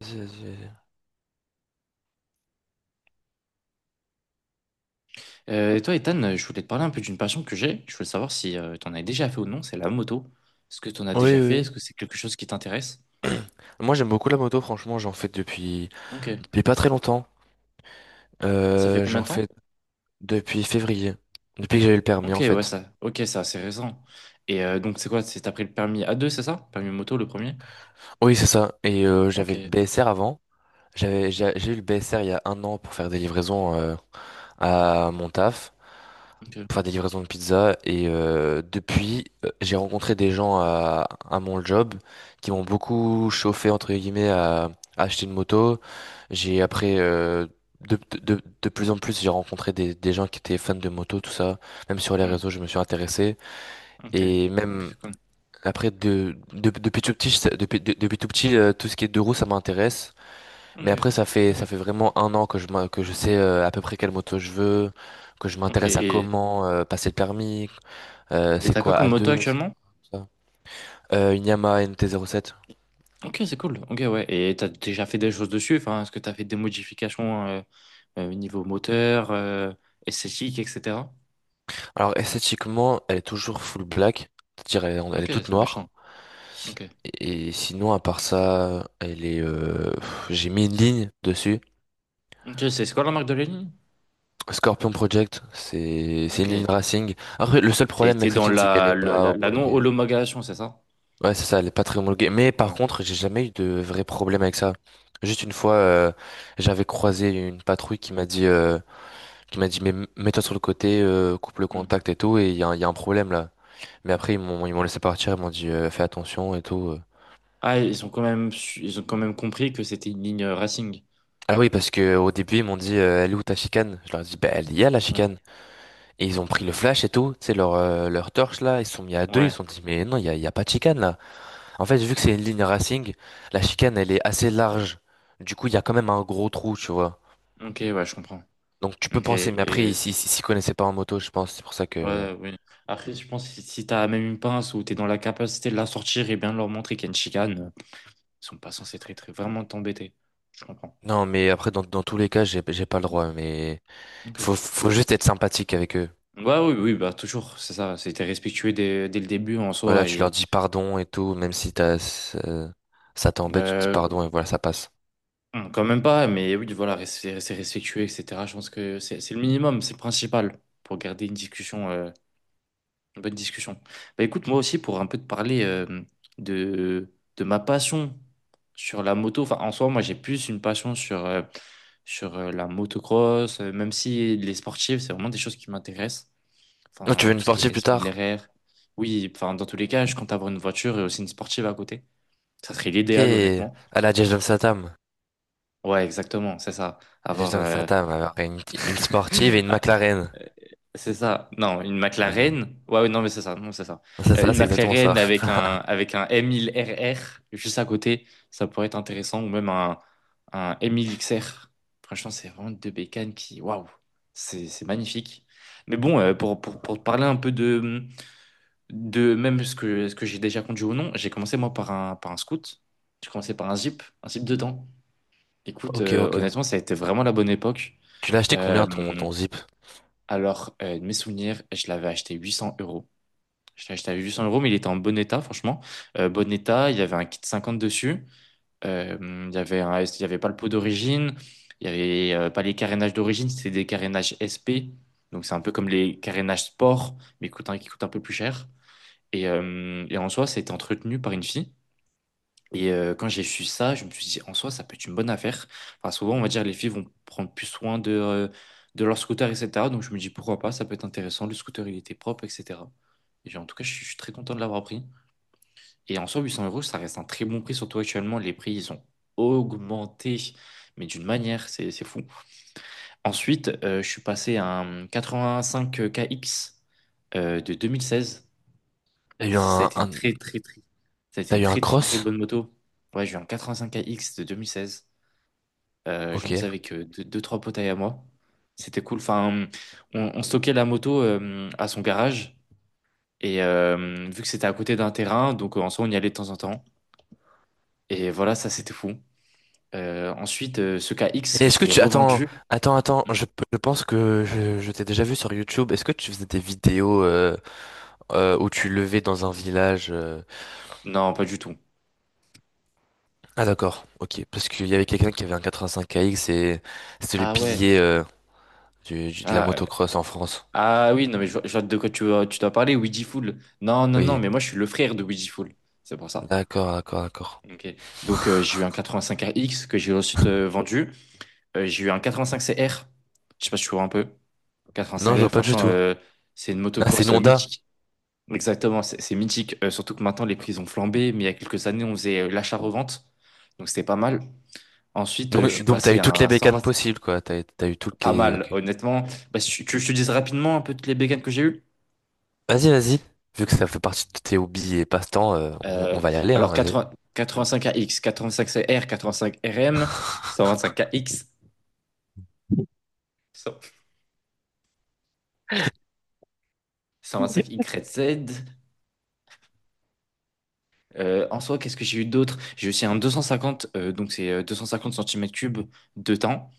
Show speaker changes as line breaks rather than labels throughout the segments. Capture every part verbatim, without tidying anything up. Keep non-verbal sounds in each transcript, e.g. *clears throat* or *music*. Vas-y, vas-y, vas-y.
Euh, et toi, Ethan, euh, je voulais te parler un peu d'une passion que j'ai. Je voulais savoir si euh, t'en as déjà fait ou non, c'est la moto. Est-ce que tu en as
Oui,
déjà fait?
oui.
Est-ce que c'est quelque chose qui t'intéresse?
Moi, j'aime beaucoup la moto, franchement, j'en fais depuis,
Ok.
depuis pas très longtemps.
Ça fait
Euh,
combien
j'en
de temps?
fais depuis février, depuis que j'ai eu le permis,
Ok,
en
ouais,
fait.
ça. Ok, ça, c'est récent. Et euh, donc, c'est quoi? C'est t'as pris le permis A deux, c'est ça? Permis moto, le premier?
Oui, c'est ça. Et euh, j'avais le
Ok.
B S R avant. J'avais, j'ai
Ok.
j'ai eu le B S R il y a un an pour faire des livraisons euh, à mon taf,
Ok.
pour faire des livraisons de pizza. Et euh, depuis, euh, j'ai rencontré des gens à, à mon job qui m'ont beaucoup chauffé, entre guillemets, à, à acheter une moto. J'ai après, euh, de, de, de plus en plus, j'ai rencontré des, des gens qui étaient fans de moto, tout ça. Même sur les
Hmm.
réseaux, je me suis intéressé.
Ok.
Et
Ok,
même
c'est cool.
après, de, de, depuis tout petit, je sais- depuis, de- depuis tout petit, euh, tout ce qui est deux roues, ça m'intéresse. Mais
Ok.
après, ça fait,
Ah
ça
non.
fait vraiment un an que je, m'in- que je sais euh, à peu près quelle moto je veux, que je
Ok.
m'intéresse à
Et
comment euh, passer le permis, euh,
et
c'est
t'as quoi
quoi
comme moto
A deux, ouais, c'est
actuellement?
quoi ça? Euh, une Yamaha N T zéro sept.
Ok, c'est cool. Ok, ouais. Et t'as déjà fait des choses dessus? Enfin, est-ce que t'as fait des modifications euh, euh, niveau moteur, euh, esthétique, et cetera?
Alors esthétiquement, elle est toujours full black, c'est-à-dire elle, est elle
Ok,
est toute
c'est
noire.
méchant. Ok.
Et sinon, à part ça, elle est. euh, pff, J'ai mis une ligne dessus.
Ok, c'est c'est quoi la marque de Lénine?
Scorpion Project, c'est c'est
Ok.
une ligne racing. Après, le seul
T'es
problème
t'es
avec cette
dans
ligne, c'est qu'elle
la,
n'est
le-
pas
la, la
homologuée.
non-homologation, c'est ça?
Ouais, c'est ça, elle est pas très homologuée. Mais par
Ouais.
contre, j'ai jamais eu de vrai problème avec ça. Juste une fois, euh, j'avais croisé une patrouille qui m'a dit. euh, qui m'a dit, mais m- mets-toi sur le côté, euh, coupe le
Hmm.
contact et tout, et il y a, un- il y a un problème là. Mais après, ils m'ont, ils m'ont laissé partir, ils m'ont dit, euh, fais attention et tout. euh.
Ah, ils ont quand même, su- ils ont quand même compris que c'était une ligne euh, racing.
Ah oui, parce que au début, ils m'ont dit, euh, elle est où ta chicane? Je leur ai dit, bah, elle y a la
Ouais.
chicane. Et ils ont pris le flash et tout, tu sais, leur, euh, leur torche là, ils se sont mis à deux, ils se
Ouais.
sont dit, mais non, il y a, il y a pas de chicane là. En fait, vu que c'est une ligne racing, la chicane, elle est assez large. Du coup, il y a quand même un gros trou, tu vois.
Ok, ouais, je comprends.
Donc tu peux
Ok.
penser, mais après,
Et...
ils s'y s'y- s'y connaissaient pas en moto, je pense, c'est pour ça que...
Ouais, oui. Après, je pense que si si t'as même une pince ou t'es dans la capacité de la sortir et bien de leur montrer qu'il y a une chicane, euh, ils sont pas censés très, très vraiment t'embêter. Je comprends.
Non, mais après, dans, dans tous les cas, j'ai j'ai pas le
Hmm.
droit, mais...
Ok.
Faut, faut juste être sympathique avec eux.
Ouais, oui, oui, bah toujours, c'est ça. C'était respectueux dès, dès le début en
Voilà,
soi.
tu leur
Et.
dis pardon et tout, même si t'as, ça ça t'embête, tu te dis
euh,
pardon et voilà, ça passe.
Hum, Quand même pas, mais oui, voilà, rester, rester respectueux, et cetera. Je pense que c'est c'est le minimum, c'est le principal pour garder une discussion, euh, une bonne discussion. Bah écoute, moi aussi, pour un peu te parler euh, de, de ma passion sur la moto, enfin en soi, moi j'ai plus une passion sur, euh, sur euh, la motocross, euh, même si les sportives, c'est vraiment des choses qui m'intéressent.
Oh, tu
Enfin,
veux une
tout ce qui est
sportive plus
S mille
tard?
R R. Oui, enfin, dans tous les cas, je compte avoir une voiture et aussi une sportive à côté. Ça serait
Ok,
l'idéal, honnêtement.
à la Jason Statham.
Ouais, exactement, c'est ça. Avoir.
Jason
euh,
Statham, alors, une, une sportive et une
Ah,
McLaren.
euh, c'est ça. Non, une
Voilà.
McLaren. Ouais, ouais, non, mais c'est ça. Non, c'est ça.
C'est
Euh,
ça,
une
c'est exactement ça.
McLaren avec
*laughs*
un, avec un M mille R R juste à côté, ça pourrait être intéressant. Ou même un, un M mille X R. Franchement, c'est vraiment deux bécanes qui. Waouh! C'est c'est magnifique. Mais bon, euh, pour, pour, pour te parler un peu de, de même ce que, ce que j'ai déjà conduit ou non, j'ai commencé moi par un, par un scoot. J'ai commencé par un Jeep, un Jeep dedans. Écoute,
Ok,
euh,
ok.
honnêtement, ça a été vraiment la bonne époque.
Tu l'as acheté
Euh,
combien ton, ton zip?
alors, euh, de mes souvenirs, je l'avais acheté huit cents euros. Je l'ai acheté à huit cents euros, mais il était en bon état, franchement. Euh, bon état, il y avait un kit cinquante dessus. Euh, il y avait un, il y avait pas le pot d'origine. Il y avait euh, pas les carénages d'origine, c'était des carénages S P. Donc, c'est un peu comme les carénages sport, mais coûte un- qui coûtent un peu plus cher. Et, euh, et en soi, c'était entretenu par une fille. Et euh, quand j'ai su ça, je me suis dit, en soi, ça peut être une bonne affaire. Enfin, souvent, on va dire, les filles vont prendre plus soin de, euh, de leur scooter, et cetera. Donc, je me dis, pourquoi pas, ça peut être intéressant. Le scooter, il était propre, et cetera. Et j'ai- en tout cas, je suis, je suis très content de l'avoir pris. Et en soi, huit cents euros, ça reste un très bon prix, surtout actuellement. Les prix, ils ont augmenté, mais d'une manière, c'est, c'est fou. Ensuite, euh, je suis passé à un quatre-vingt-cinq K X euh, de deux mille seize.
T'as eu
Ça a
un,
été une
un-
très très très Ça a été
T'as
une
eu un
très très très
cross?
bonne moto. Ouais, j'ai eu un quatre-vingt-cinq X de deux mille seize. Euh, j'en
Ok.
faisais
Et
avec euh, deux, deux, trois potes à moi. C'était cool. Enfin, on, on stockait la moto euh, à son garage et euh, vu que c'était à côté d'un terrain, donc euh, en soi on y allait de temps en temps. Et voilà, ça c'était fou. Euh, ensuite, euh, ce K X
Est-ce
je
que
l'ai
tu... Attends,
revendu.
attends, attends, je, je pense que je, je t'ai déjà vu sur YouTube. Est-ce que tu faisais des vidéos euh, euh, où tu levais dans un village? euh,
Non, pas du tout.
Ah d'accord, ok. Parce qu'il y avait quelqu'un qui avait un quatre-vingt-cinq A X et c'était le
Ah ouais.
pilier euh, du, du- de la
Ah, euh,
motocross en France.
ah oui, non, mais je, vois je vois de quoi tu, veux- tu dois parler, Ouija Fool. Non, non, non,
Oui,
mais moi je suis le frère de Ouija Fool. C'est pour ça.
d'accord, d'accord, d'accord.
Ok. Donc euh, j'ai eu un quatre-vingt-cinq X que j'ai ensuite euh, vendu. Euh, j'ai eu un quatre-vingt-cinq C R. Je sais pas si tu vois un peu.
Non, je vois
quatre-vingt-cinq R,
pas du
franchement,
tout.
euh, c'est une
Ah, c'est une
motocross euh,
Honda.
mythique. Exactement, c'est c'est mythique. Euh, surtout que maintenant les prix ont flambé, mais il y a quelques années on faisait euh, l'achat-revente. Donc c'était pas mal. Ensuite, euh, je
Donc,
suis
donc t'as
passé
eu
à
toutes les
un
bécanes
cent vingt.
possibles, quoi. T'as, t'as eu toutes
Pas
les...
mal,
Ok.
honnêtement. Bah, si tu tu veux que je te dise rapidement un peu toutes les bécanes que j'ai eues.
Vas-y, vas-y. Vu que ça fait partie de tes hobbies et passe-temps, euh, on, on
Euh,
va y aller, hein,
alors
vas-y.
quatre-vingts quatre-vingt-cinq A X, quatre-vingt-cinq C R, quatre-vingt-cinq R M,
*laughs*
cent vingt-cinq X. cent vingt-cinq Y Z. Euh, en soi, qu'est-ce que j'ai eu d'autre? J'ai aussi un deux cent cinquante, euh, donc c'est euh, deux cent cinquante centimètres cubes de temps.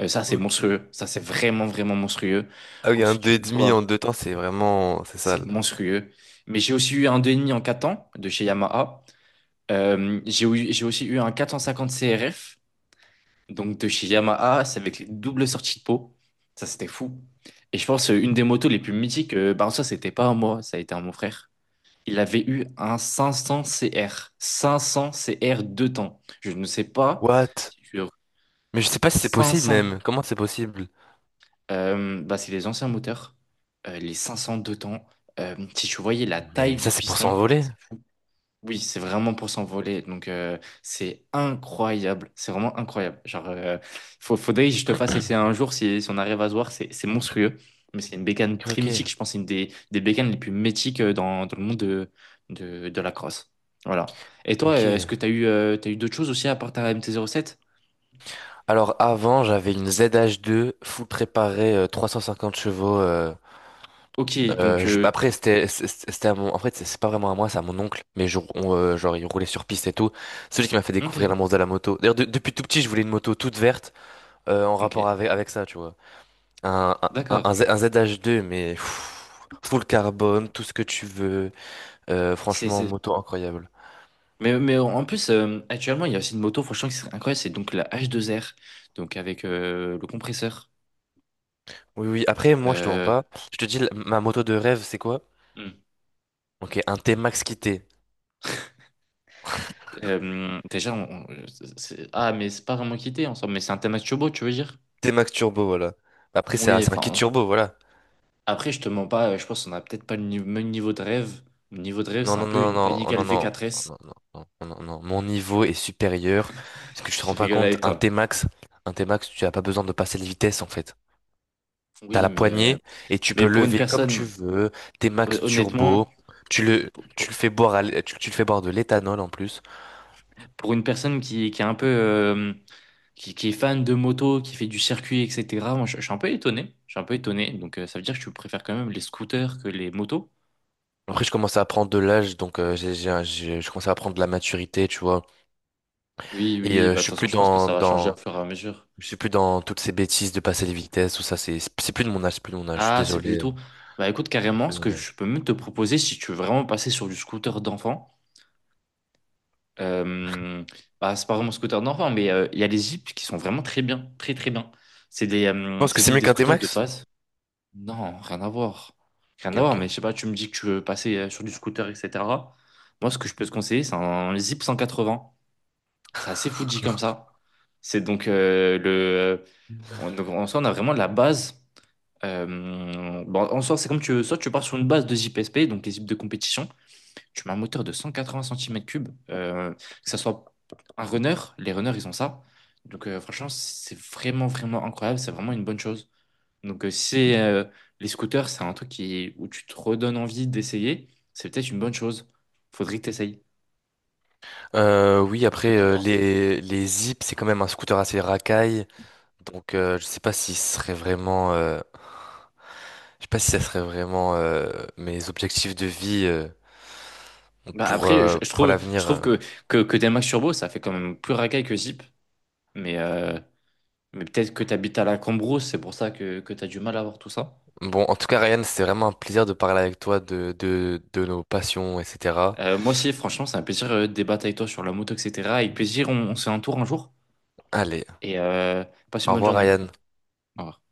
Euh, ça, c'est
Ok.
monstrueux. Ça, c'est vraiment, vraiment monstrueux.
Ah oui, un
Ensuite,
deux et
j'ai eu
demi
quoi?
en deux temps, c'est vraiment... C'est
C'est
sale.
monstrueux. Mais j'ai aussi eu un deux virgule cinq en quatre temps de chez Yamaha. Euh, j'ai eu- j'ai aussi eu un quatre cent cinquante C R F, donc de chez Yamaha. C'est avec les doubles sorties de peau. Ça, c'était fou. Et je pense, euh, une des motos les plus mythiques, euh, bah, ça, c'était pas à moi, ça a été à mon frère. Il avait eu un cinq cents C R. cinq cents C R deux temps. Je ne sais pas
What?
si sur
Mais je sais pas si c'est possible,
cinq cents.
même. Comment c'est possible?
Euh, bah, c'est les anciens moteurs. Euh, les cinq cents deux temps. Euh, si tu voyais la
Mais,
taille
mais ça,
du
c'est pour
piston,
s'envoler.
c'est fou. Oui, c'est vraiment pour s'envoler. Donc, euh, c'est incroyable. C'est vraiment incroyable. Genre, euh, faut, faudrait que je te
*clears throat*
fasse essayer
Ok,
un jour si, si on arrive à se voir. C'est c'est monstrueux. Mais c'est une bécane très
ok.
mythique. Je pense que c'est une des, des bécanes les plus mythiques euh, dans, dans le monde de, de, de la crosse. Voilà. Et toi, euh, est-ce que
Ok.
tu as eu, euh, t'as eu d'autres choses aussi à part ta M T zéro sept?
Alors avant, j'avais une Z H deux full préparée, euh, trois cent cinquante chevaux. euh,
Ok, donc.
euh, je- Bah
Euh,
après, c'était c'est- c'est- c'était à mon, en fait, c'est c'est pas vraiment à moi, c'est à mon oncle. Mais je, on, euh, genre, il roulait sur piste et tout. C'est lui qui m'a fait
ok,
découvrir l'amour de la moto. D'ailleurs, de- depuis tout petit, je voulais une moto toute verte euh, en rapport
ok.
avec avec ça, tu vois. Un, un,
D'accord.
un, Z- un Z- un Z H deux, mais pff, full carbone, tout ce que tu veux. Euh,
C'est,
franchement,
c'est...
moto incroyable.
Mais, mais en plus, euh, actuellement, il y a aussi une moto, franchement, qui serait incroyable. C'est donc la H deux R. Donc, avec euh, le compresseur.
Oui, oui. Après, moi, je te mens
Euh,
pas. Je te dis, la- ma moto de rêve, c'est quoi?
Hmm.
Ok, un T-Max quitté.
euh, déjà, on- on- c'est- ah, Mais c'est pas vraiment quitté ensemble, mais c'est un thème assez beau, tu veux dire?
T-Max Turbo, voilà. Après, c'est un
Oui,
c'est un kit
enfin,
turbo, voilà.
après, je te mens pas, euh, je pense qu'on a peut-être pas le ni- même niveau de rêve. Mon niveau de rêve,
Non,
c'est un
non,
peu
non,
une
non,
Panic
non, non, non, oh,
L V quatre S.
non, non, non, oh, non, non. Mon niveau est supérieur. Parce
*laughs*
que je te rends
Je
pas
rigole
compte,
avec
un
toi.
T-Max, un T-Max, tu n'as pas besoin de passer les vitesses, en fait. T'as
Oui,
la
mais, euh,
poignée et tu peux
mais pour une
lever comme tu
personne,
veux.
hon-
T-Max
honnêtement,
Turbo. Tu le,
pour, pour-
tu le fais boire à l'é- tu, tu le fais boire de l'éthanol en plus.
pour une personne qui, qui est un peu, euh, qui, qui est fan de moto, qui fait du circuit, et cetera, moi, je, je suis un peu étonné. Je suis un peu étonné. Donc, euh, ça veut dire que tu préfères quand même les scooters que les motos.
Après, je commence à prendre de l'âge, donc euh, j'ai, j'ai, un- j'ai- je commence à prendre de la maturité, tu vois.
Oui,
Et
oui,
euh, je
bah, de toute
suis
façon,
plus
je pense que
dans,
ça va changer au
dans,
fur et à mesure.
Je suis plus dans toutes ces bêtises de passer les vitesses, tout ça, c'est c'est plus de mon âge, c'est plus de mon âge, je suis
Ah, c'est
désolé, euh,
plutôt. Bah, écoute,
c'est
carrément,
plus
ce
de
que
mon
je
âge.
peux même te proposer, si tu veux vraiment passer sur du scooter d'enfant, euh, bah, c'est pas vraiment scooter d'enfant, mais euh, il y a les Jeeps qui sont vraiment très bien, très très bien. C'est des,
Je
euh,
pense que
c'est
c'est
donc
mieux
des
qu'un
scooters de
T-Max?
base. Non, rien à voir. Rien à
Ok,
voir,
ok.
mais je sais pas, tu me dis que tu veux passer euh, sur du scooter, et cetera. Moi, ce que je peux te conseiller, c'est un Zip cent quatre-vingts. C'est assez Fuji comme ça. C'est donc euh, le. Euh, on- donc, En soi, on a vraiment la base. Euh, bon, en soi, c'est comme tu veux. Soit tu pars sur une base de J P S P, donc les zips de compétition. Tu mets un moteur de cent quatre-vingts centimètres cubes. Que ça soit un runner, les runners, ils ont ça. Donc, euh, franchement, c'est vraiment, vraiment incroyable. C'est vraiment une bonne chose. Donc, euh, si c'est, euh, les scooters, c'est un truc qui, où tu te redonnes envie d'essayer, c'est peut-être une bonne chose. Faudrait que tu essayes.
Euh,
Je
oui,
sais pas ce que
après,
tu en
euh,
penses.
les, les Zip, c'est quand même un scooter assez racaille, donc euh, je sais pas si ce serait vraiment, euh, je sais pas si ça serait vraiment euh, mes objectifs de vie euh,
Bah,
pour,
après, je,
euh,
je
pour
trouve, je
l'avenir.
trouve
euh.
que, que, que des Max Turbo, ça fait quand même plus racaille que Zip. Mais euh, mais peut-être que tu habites à la Cambrousse, c'est pour ça que, que tu as du mal à voir tout ça.
Bon, en tout cas, Ryan, c'était vraiment un plaisir de parler avec toi de, de, de nos passions, et cetera.
Euh, moi aussi, franchement, c'est un plaisir euh, de débattre avec toi sur la moto, et cetera. Avec plaisir, on, on se fait un tour un jour
Allez,
et euh, passe une
au
bonne
revoir,
journée.
Ryan.
Au revoir.